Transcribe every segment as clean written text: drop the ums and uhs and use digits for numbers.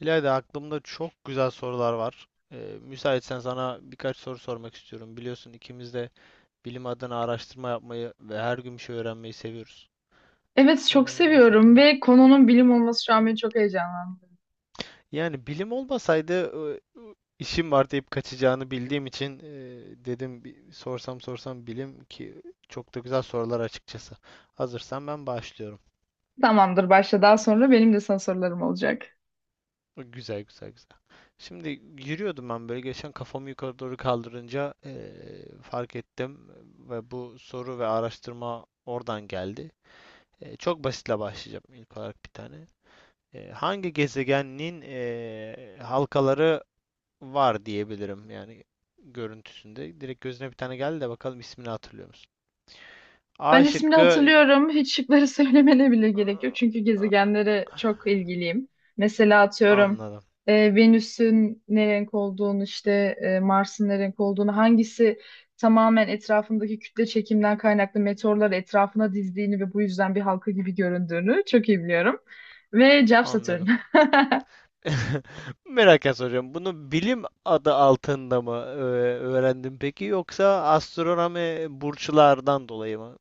İlayda aklımda çok güzel sorular var. Müsaitsen sana birkaç soru sormak istiyorum. Biliyorsun ikimiz de bilim adına araştırma yapmayı ve her gün bir şey öğrenmeyi seviyoruz. Evet, çok O seviyorum şekilde. ve konunun bilim olması şu an beni çok heyecanlandırdı. Yani bilim olmasaydı e, işim var deyip kaçacağını bildiğim için dedim bir sorsam sorsam bilim ki çok da güzel sorular açıkçası. Hazırsan ben başlıyorum. Tamamdır, başla, daha sonra benim de sana sorularım olacak. Güzel, güzel, güzel. Şimdi yürüyordum ben böyle geçen, kafamı yukarı doğru kaldırınca fark ettim ve bu soru ve araştırma oradan geldi. Çok basitle başlayacağım, ilk olarak bir tane. Hangi gezegenin halkaları var diyebilirim, yani görüntüsünde. Direkt gözüne bir tane geldi de bakalım, ismini hatırlıyor musun? Ben A ismini şıkkı. hatırlıyorum. Hiç şıkları söylemene bile gerek yok. Çünkü gezegenlere çok ilgiliyim. Mesela atıyorum, Anladım, Venüs'ün ne renk olduğunu, işte Mars'ın ne renk olduğunu, hangisi tamamen etrafındaki kütle çekimden kaynaklı meteorları etrafına dizdiğini ve bu yüzden bir halka gibi göründüğünü çok iyi biliyorum. Ve cevap Satürn. anladım. Merak soruyorum. Bunu bilim adı altında mı öğrendin peki, yoksa astronomi burçlardan dolayı mı?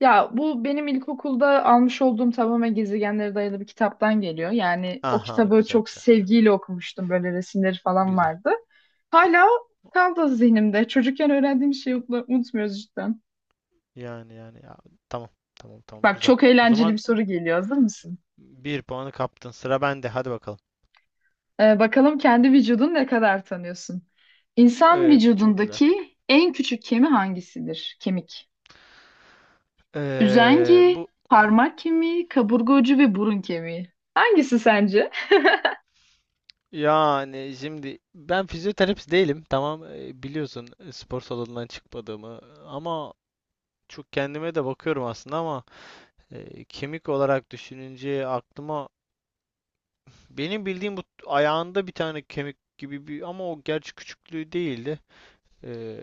Ya bu benim ilkokulda almış olduğum tamamen gezegenlere dayalı bir kitaptan geliyor. Yani o Aha, kitabı güzel, çok güzel. sevgiyle okumuştum. Böyle resimleri falan Güzel. vardı. Hala kaldı zihnimde. Çocukken öğrendiğim şeyi unutmuyoruz cidden. Yani, yani ya, tamam, tamam, tamam, Bak güzel. çok O eğlenceli bir zaman soru geliyor. Hazır mısın? bir puanı kaptın. Sıra bende. Hadi bakalım. Bakalım kendi vücudunu ne kadar tanıyorsun? İnsan Çok güzel. vücudundaki en küçük kemi hangisidir? Kemik. Üzengi, Bu parmak kemiği, kaburga ucu ve burun kemiği. Hangisi sence? Yani şimdi ben fizyoterapist değilim. Tamam, biliyorsun spor salonundan çıkmadığımı, ama çok kendime de bakıyorum aslında, ama kemik olarak düşününce aklıma, benim bildiğim bu ayağında bir tane kemik gibi bir, ama o gerçi küçüklüğü değildi. E,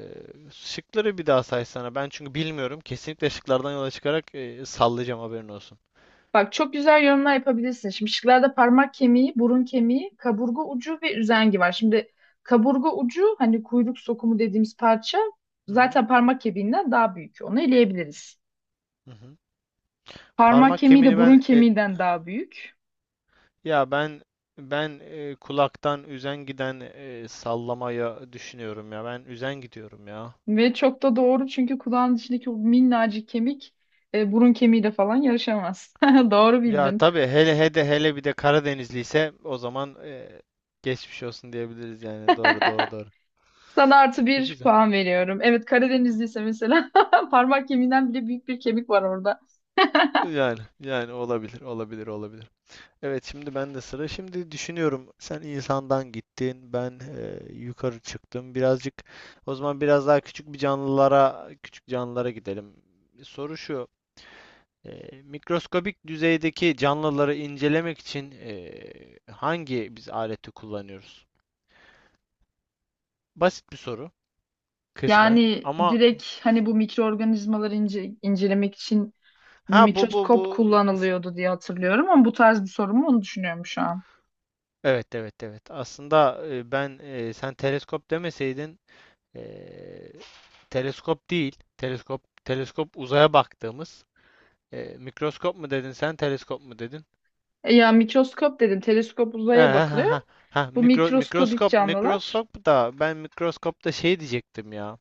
Şıkları bir daha saysana. Ben çünkü bilmiyorum. Kesinlikle şıklardan yola çıkarak sallayacağım, haberin olsun. Bak çok güzel yorumlar yapabilirsin. Şimdi şıklarda parmak kemiği, burun kemiği, kaburga ucu ve üzengi var. Şimdi kaburga ucu, hani kuyruk sokumu dediğimiz parça, Hı hı. zaten parmak kemiğinden daha büyük. Onu eleyebiliriz. Hı hı. Parmak Parmak kemiği de kemiğini burun ben kemiğinden daha büyük. ya ben kulaktan üzen giden sallamaya düşünüyorum ya. Ben üzen gidiyorum ya. Ve çok da doğru, çünkü kulağın içindeki o minnacık kemik burun kemiğiyle falan yarışamaz. Doğru Ya bildin. tabii, hele hele hele bir de Karadenizli ise, o zaman geçmiş olsun diyebiliriz yani. Doğru, doğru, doğru. Sana artı Ne bir güzel. puan veriyorum. Evet, Karadenizliyse mesela parmak kemiğinden bile büyük bir kemik var orada. Yani, yani olabilir, olabilir, olabilir. Evet, şimdi ben de sıra. Şimdi düşünüyorum, sen insandan gittin, ben yukarı çıktım. Birazcık, o zaman biraz daha küçük canlılara gidelim. Soru şu. Mikroskobik düzeydeki canlıları incelemek için hangi biz aleti kullanıyoruz? Basit bir soru kısmen. Yani Ama direkt hani bu mikroorganizmaları incelemek için Ha bu bu mikroskop bu kullanılıyordu diye hatırlıyorum, ama bu tarz bir sorun mu onu düşünüyorum şu an. evet, evet, evet. Aslında sen teleskop demeseydin, e, teleskop değil. Teleskop uzaya baktığımız. Mikroskop mu dedin, sen teleskop mu dedin? E ya, mikroskop dedin, teleskop Ha, uzaya ha, ha, bakılıyor. ha. Ha, Bu mikro, mikroskobik mikroskop canlılar. mikroskop da, ben mikroskopta şey diyecektim ya.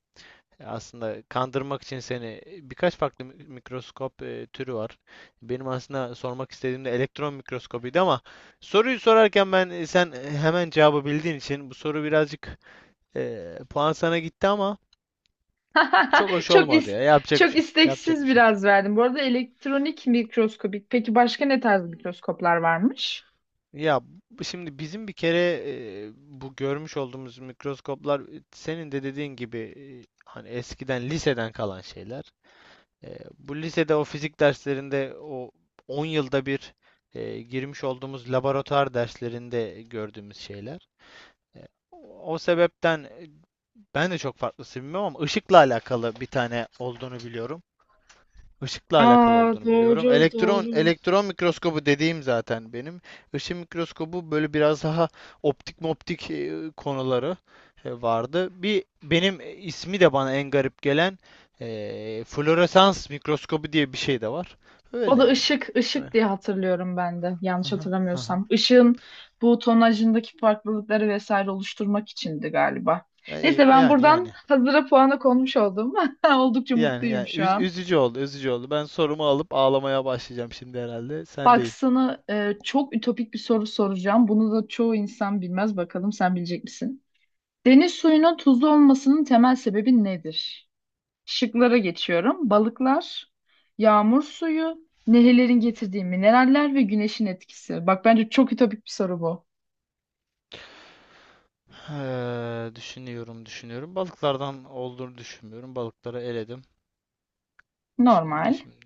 Aslında kandırmak için seni birkaç farklı mikroskop türü var. Benim aslında sormak istediğim de elektron mikroskobuydu, ama soruyu sorarken sen hemen cevabı bildiğin için bu soru birazcık puan sana gitti, ama çok hoş Çok olmadı is ya. Yapacak bir Çok şey yok. Yapacak isteksiz bir şey yok. biraz verdim. Bu arada elektronik mikroskobik. Peki başka ne tarz mikroskoplar varmış? Ya şimdi bizim bir kere bu görmüş olduğumuz mikroskoplar, senin de dediğin gibi hani eskiden liseden kalan şeyler. Bu lisede, o fizik derslerinde, o 10 yılda bir girmiş olduğumuz laboratuvar derslerinde gördüğümüz şeyler. O sebepten, ben de çok farklısını bilmiyorum, ama ışıkla alakalı bir tane olduğunu biliyorum. Işıkla alakalı Aa, olduğunu biliyorum. doğru Elektron doğru. elektron mikroskobu dediğim zaten benim. Işın mikroskobu böyle biraz daha optik moptik konuları vardı. Bir, benim ismi de bana en garip gelen floresans mikroskobu diye bir şey de var. O Öyle da yani. ışık, ışık Öyle. diye hatırlıyorum ben de. Yanlış Aha, aha. hatırlamıyorsam. Işığın bu tonajındaki farklılıkları vesaire oluşturmak içindi galiba. Neyse, ben Yani, buradan yani. hazıra puanı konmuş oldum. Oldukça Yani, mutluyum yani şu an. üzücü oldu, üzücü oldu. Ben sorumu alıp ağlamaya başlayacağım şimdi herhalde. Sen Bak de. sana çok ütopik bir soru soracağım. Bunu da çoğu insan bilmez. Bakalım sen bilecek misin? Deniz suyunun tuzlu olmasının temel sebebi nedir? Şıklara geçiyorum. Balıklar, yağmur suyu, nehirlerin getirdiği mineraller ve güneşin etkisi. Bak bence çok ütopik bir soru bu. Düşünüyorum, düşünüyorum. Balıklardan olduğunu düşünmüyorum. Balıkları eledim. Şimdi, Normal. şimdi.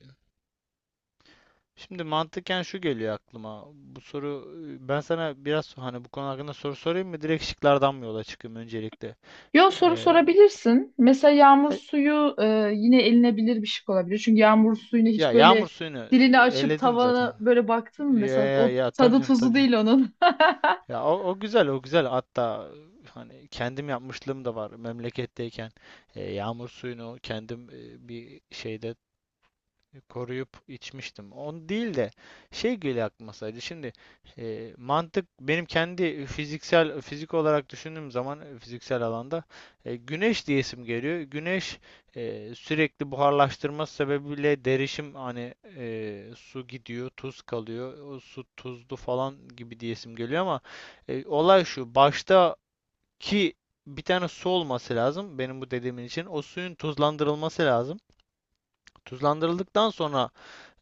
Şimdi mantıken şu geliyor aklıma. Ben sana biraz, hani bu konu hakkında soru sorayım mı? Direkt şıklardan mı yola çıkayım öncelikle? Yo, soru Eee, sorabilirsin. Mesela yağmur e- suyu yine elinebilir bir şık olabilir. Çünkü yağmur suyunu hiç Ya böyle yağmur suyunu dilini açıp eledim zaten. tavana böyle baktın mı Ya, mesela, ya, o ya, tabii tadı canım, tabii tuzu canım. değil onun. Ya o, o güzel, o güzel. Hatta hani kendim yapmışlığım da var memleketteyken. Yağmur suyunu kendim bir şeyde koruyup içmiştim. On değil de, şey geliyor aklıma sadece. Şimdi, mantık benim kendi fizik olarak düşündüğüm zaman, fiziksel alanda güneş diyesim geliyor. Güneş, sürekli buharlaştırması sebebiyle derişim, hani su gidiyor, tuz kalıyor. O su tuzlu falan gibi diyesim geliyor, ama olay şu. Baştaki bir tane su olması lazım benim bu dediğimin için. O suyun tuzlandırılması lazım. Tuzlandırıldıktan sonra,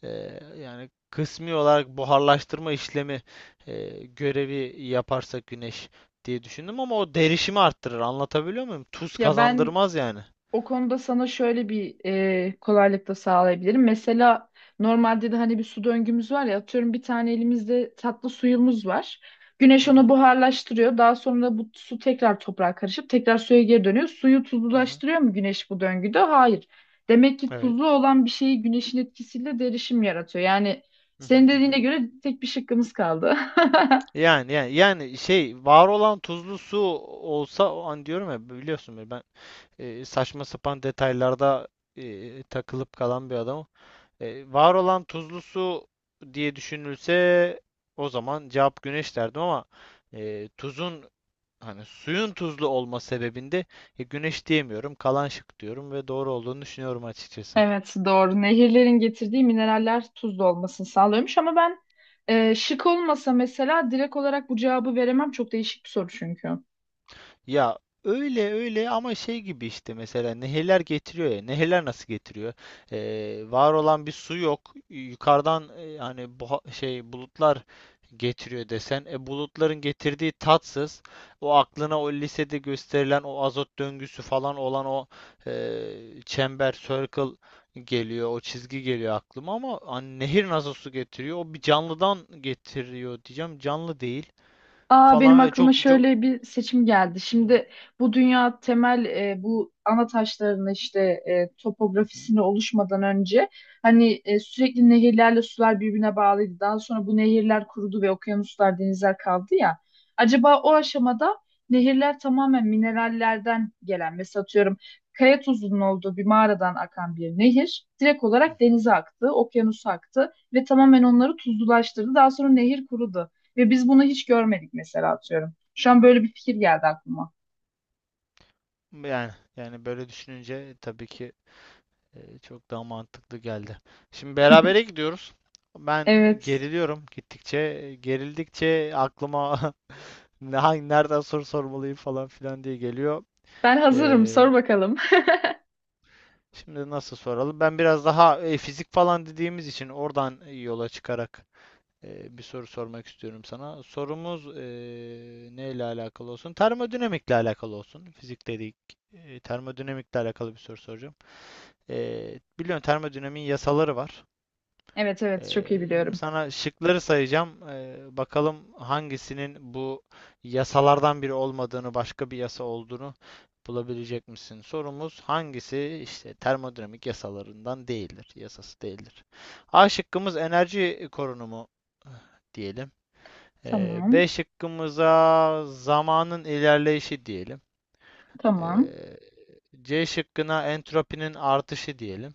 Yani kısmi olarak buharlaştırma işlemi görevi yaparsa güneş diye düşündüm, ama o derişimi arttırır. Anlatabiliyor muyum? Tuz Ya ben kazandırmaz yani. O konuda sana şöyle bir kolaylık da sağlayabilirim. Mesela normalde de hani bir su döngümüz var ya, atıyorum bir tane elimizde tatlı suyumuz var. Güneş Hı onu hı. buharlaştırıyor. Daha sonra bu su tekrar toprağa karışıp tekrar suya geri dönüyor. Suyu Hı hı. tuzlulaştırıyor mu güneş bu döngüde? Hayır. Demek ki Evet. tuzlu olan bir şeyi güneşin etkisiyle derişim yaratıyor. Yani Hı hı, senin hı dediğine hı. göre tek bir şıkkımız kaldı. Yani, yani, yani şey, var olan tuzlu su olsa o an, diyorum ya biliyorsun beni, ben saçma sapan detaylarda takılıp kalan bir adamım. Var olan tuzlu su diye düşünülse, o zaman cevap güneş derdim, ama tuzun, hani suyun tuzlu olma sebebinde güneş diyemiyorum, kalan şık diyorum ve doğru olduğunu düşünüyorum açıkçası. Evet, doğru. Nehirlerin getirdiği mineraller tuzlu olmasını sağlıyormuş, ama ben şık olmasa mesela direkt olarak bu cevabı veremem. Çok değişik bir soru çünkü. Ya öyle, öyle, ama şey gibi, işte mesela nehirler getiriyor ya. Nehirler nasıl getiriyor? Var olan bir su yok. Yukarıdan, hani bu şey bulutlar getiriyor desen. Bulutların getirdiği tatsız. O aklına, o lisede gösterilen o azot döngüsü falan olan o çember, circle geliyor. O çizgi geliyor aklıma, ama hani nehir nasıl su getiriyor? O bir canlıdan getiriyor diyeceğim. Canlı değil Aa, benim falan ve aklıma çok çok. şöyle bir seçim geldi. Hı Şimdi bu dünya temel bu ana taşlarını işte hı. topografisini oluşmadan önce hani sürekli nehirlerle sular birbirine bağlıydı. Daha sonra bu nehirler kurudu ve okyanuslar, denizler kaldı ya. Acaba o aşamada nehirler tamamen minerallerden gelen, mesela atıyorum kaya tuzunun olduğu bir mağaradan akan bir nehir direkt Hı olarak hı. denize aktı, okyanusa aktı ve tamamen onları tuzlulaştırdı. Daha sonra nehir kurudu. Ve biz bunu hiç görmedik mesela, atıyorum. Şu an böyle bir fikir geldi aklıma. Yani, yani böyle düşününce tabii ki çok daha mantıklı geldi. Şimdi berabere gidiyoruz. Ben Evet. geriliyorum gittikçe. Gerildikçe aklıma ne- hangi nereden soru sormalıyım falan filan diye geliyor. Ben hazırım. E, Sor bakalım. Şimdi nasıl soralım? Ben biraz daha fizik falan dediğimiz için oradan yola çıkarak bir soru sormak istiyorum sana. Sorumuz neyle alakalı olsun? Termodinamikle alakalı olsun. Fizik dedik. Termodinamikle alakalı bir soru soracağım. Biliyorsun termodinamiğin yasaları var. Evet evet, çok Ee, iyi Şimdi biliyorum. sana şıkları sayacağım. Bakalım hangisinin bu yasalardan biri olmadığını, başka bir yasa olduğunu bulabilecek misin? Sorumuz, hangisi işte termodinamik yasalarından değildir, yasası değildir. A şıkkımız enerji korunumu eh, diyelim. B Tamam. şıkkımıza zamanın ilerleyişi diyelim. Ee, Tamam. C şıkkına entropinin artışı diyelim.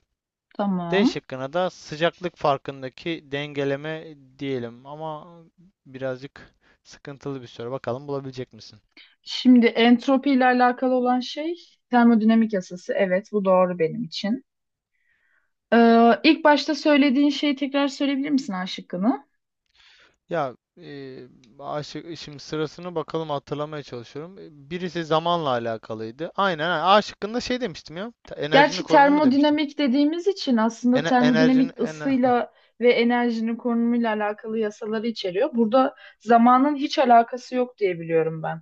D Tamam. şıkkına da sıcaklık farkındaki dengeleme diyelim, ama birazcık sıkıntılı bir soru. Bakalım bulabilecek misin? Şimdi entropi ile alakalı olan şey termodinamik yasası. Evet, bu doğru benim için. İlk başta söylediğin şeyi tekrar söyleyebilir misin, A şıkkını? Ya şimdi sırasını bakalım, hatırlamaya çalışıyorum. Birisi zamanla alakalıydı. Aynen, ha, A şıkkında şey demiştim ya. Enerjinin Gerçi korunumu demiştim. termodinamik dediğimiz için aslında Enerjinin termodinamik ısıyla ve enerjinin konumuyla alakalı yasaları içeriyor. Burada zamanın hiç alakası yok diye biliyorum ben.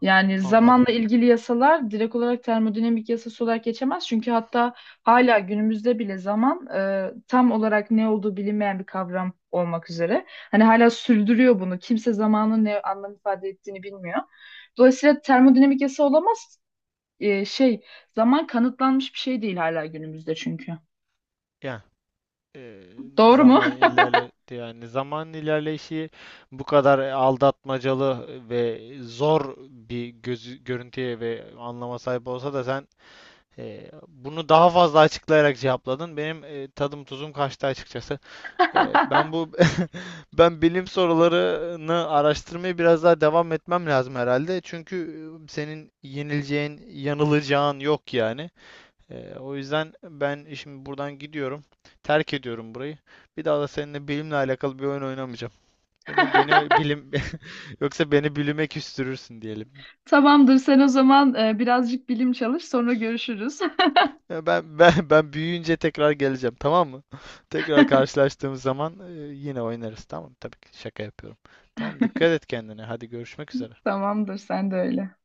Yani anladım. zamanla ilgili yasalar direkt olarak termodinamik yasası olarak geçemez. Çünkü hatta hala günümüzde bile zaman tam olarak ne olduğu bilinmeyen bir kavram olmak üzere. Hani hala sürdürüyor bunu. Kimse zamanın ne anlam ifade ettiğini bilmiyor. Dolayısıyla termodinamik yasa olamaz, e, şey zaman kanıtlanmış bir şey değil hala günümüzde çünkü. Yani, e, Doğru mu? zaman ilerledi yani zaman ilerleyişi bu kadar aldatmacalı ve zor bir gözü, görüntüye ve anlama sahip olsa da sen bunu daha fazla açıklayarak cevapladın. Benim tadım tuzum kaçtı açıkçası. E, ben bu Bilim sorularını araştırmaya biraz daha devam etmem lazım herhalde. Çünkü senin yenileceğin, yanılacağın yok yani. O yüzden ben şimdi buradan gidiyorum. Terk ediyorum burayı. Bir daha da seninle bilimle alakalı bir oyun oynamayacağım. Beni beni bilim yoksa beni bilime küstürürsün diyelim. Tamamdır, sen o zaman birazcık bilim çalış, sonra görüşürüz. Ya, ben büyüyünce tekrar geleceğim, tamam mı? Tekrar karşılaştığımız zaman yine oynarız, tamam mı? Tabii ki şaka yapıyorum. Tamam, dikkat et kendine. Hadi görüşmek üzere. Tamamdır, sen de öyle.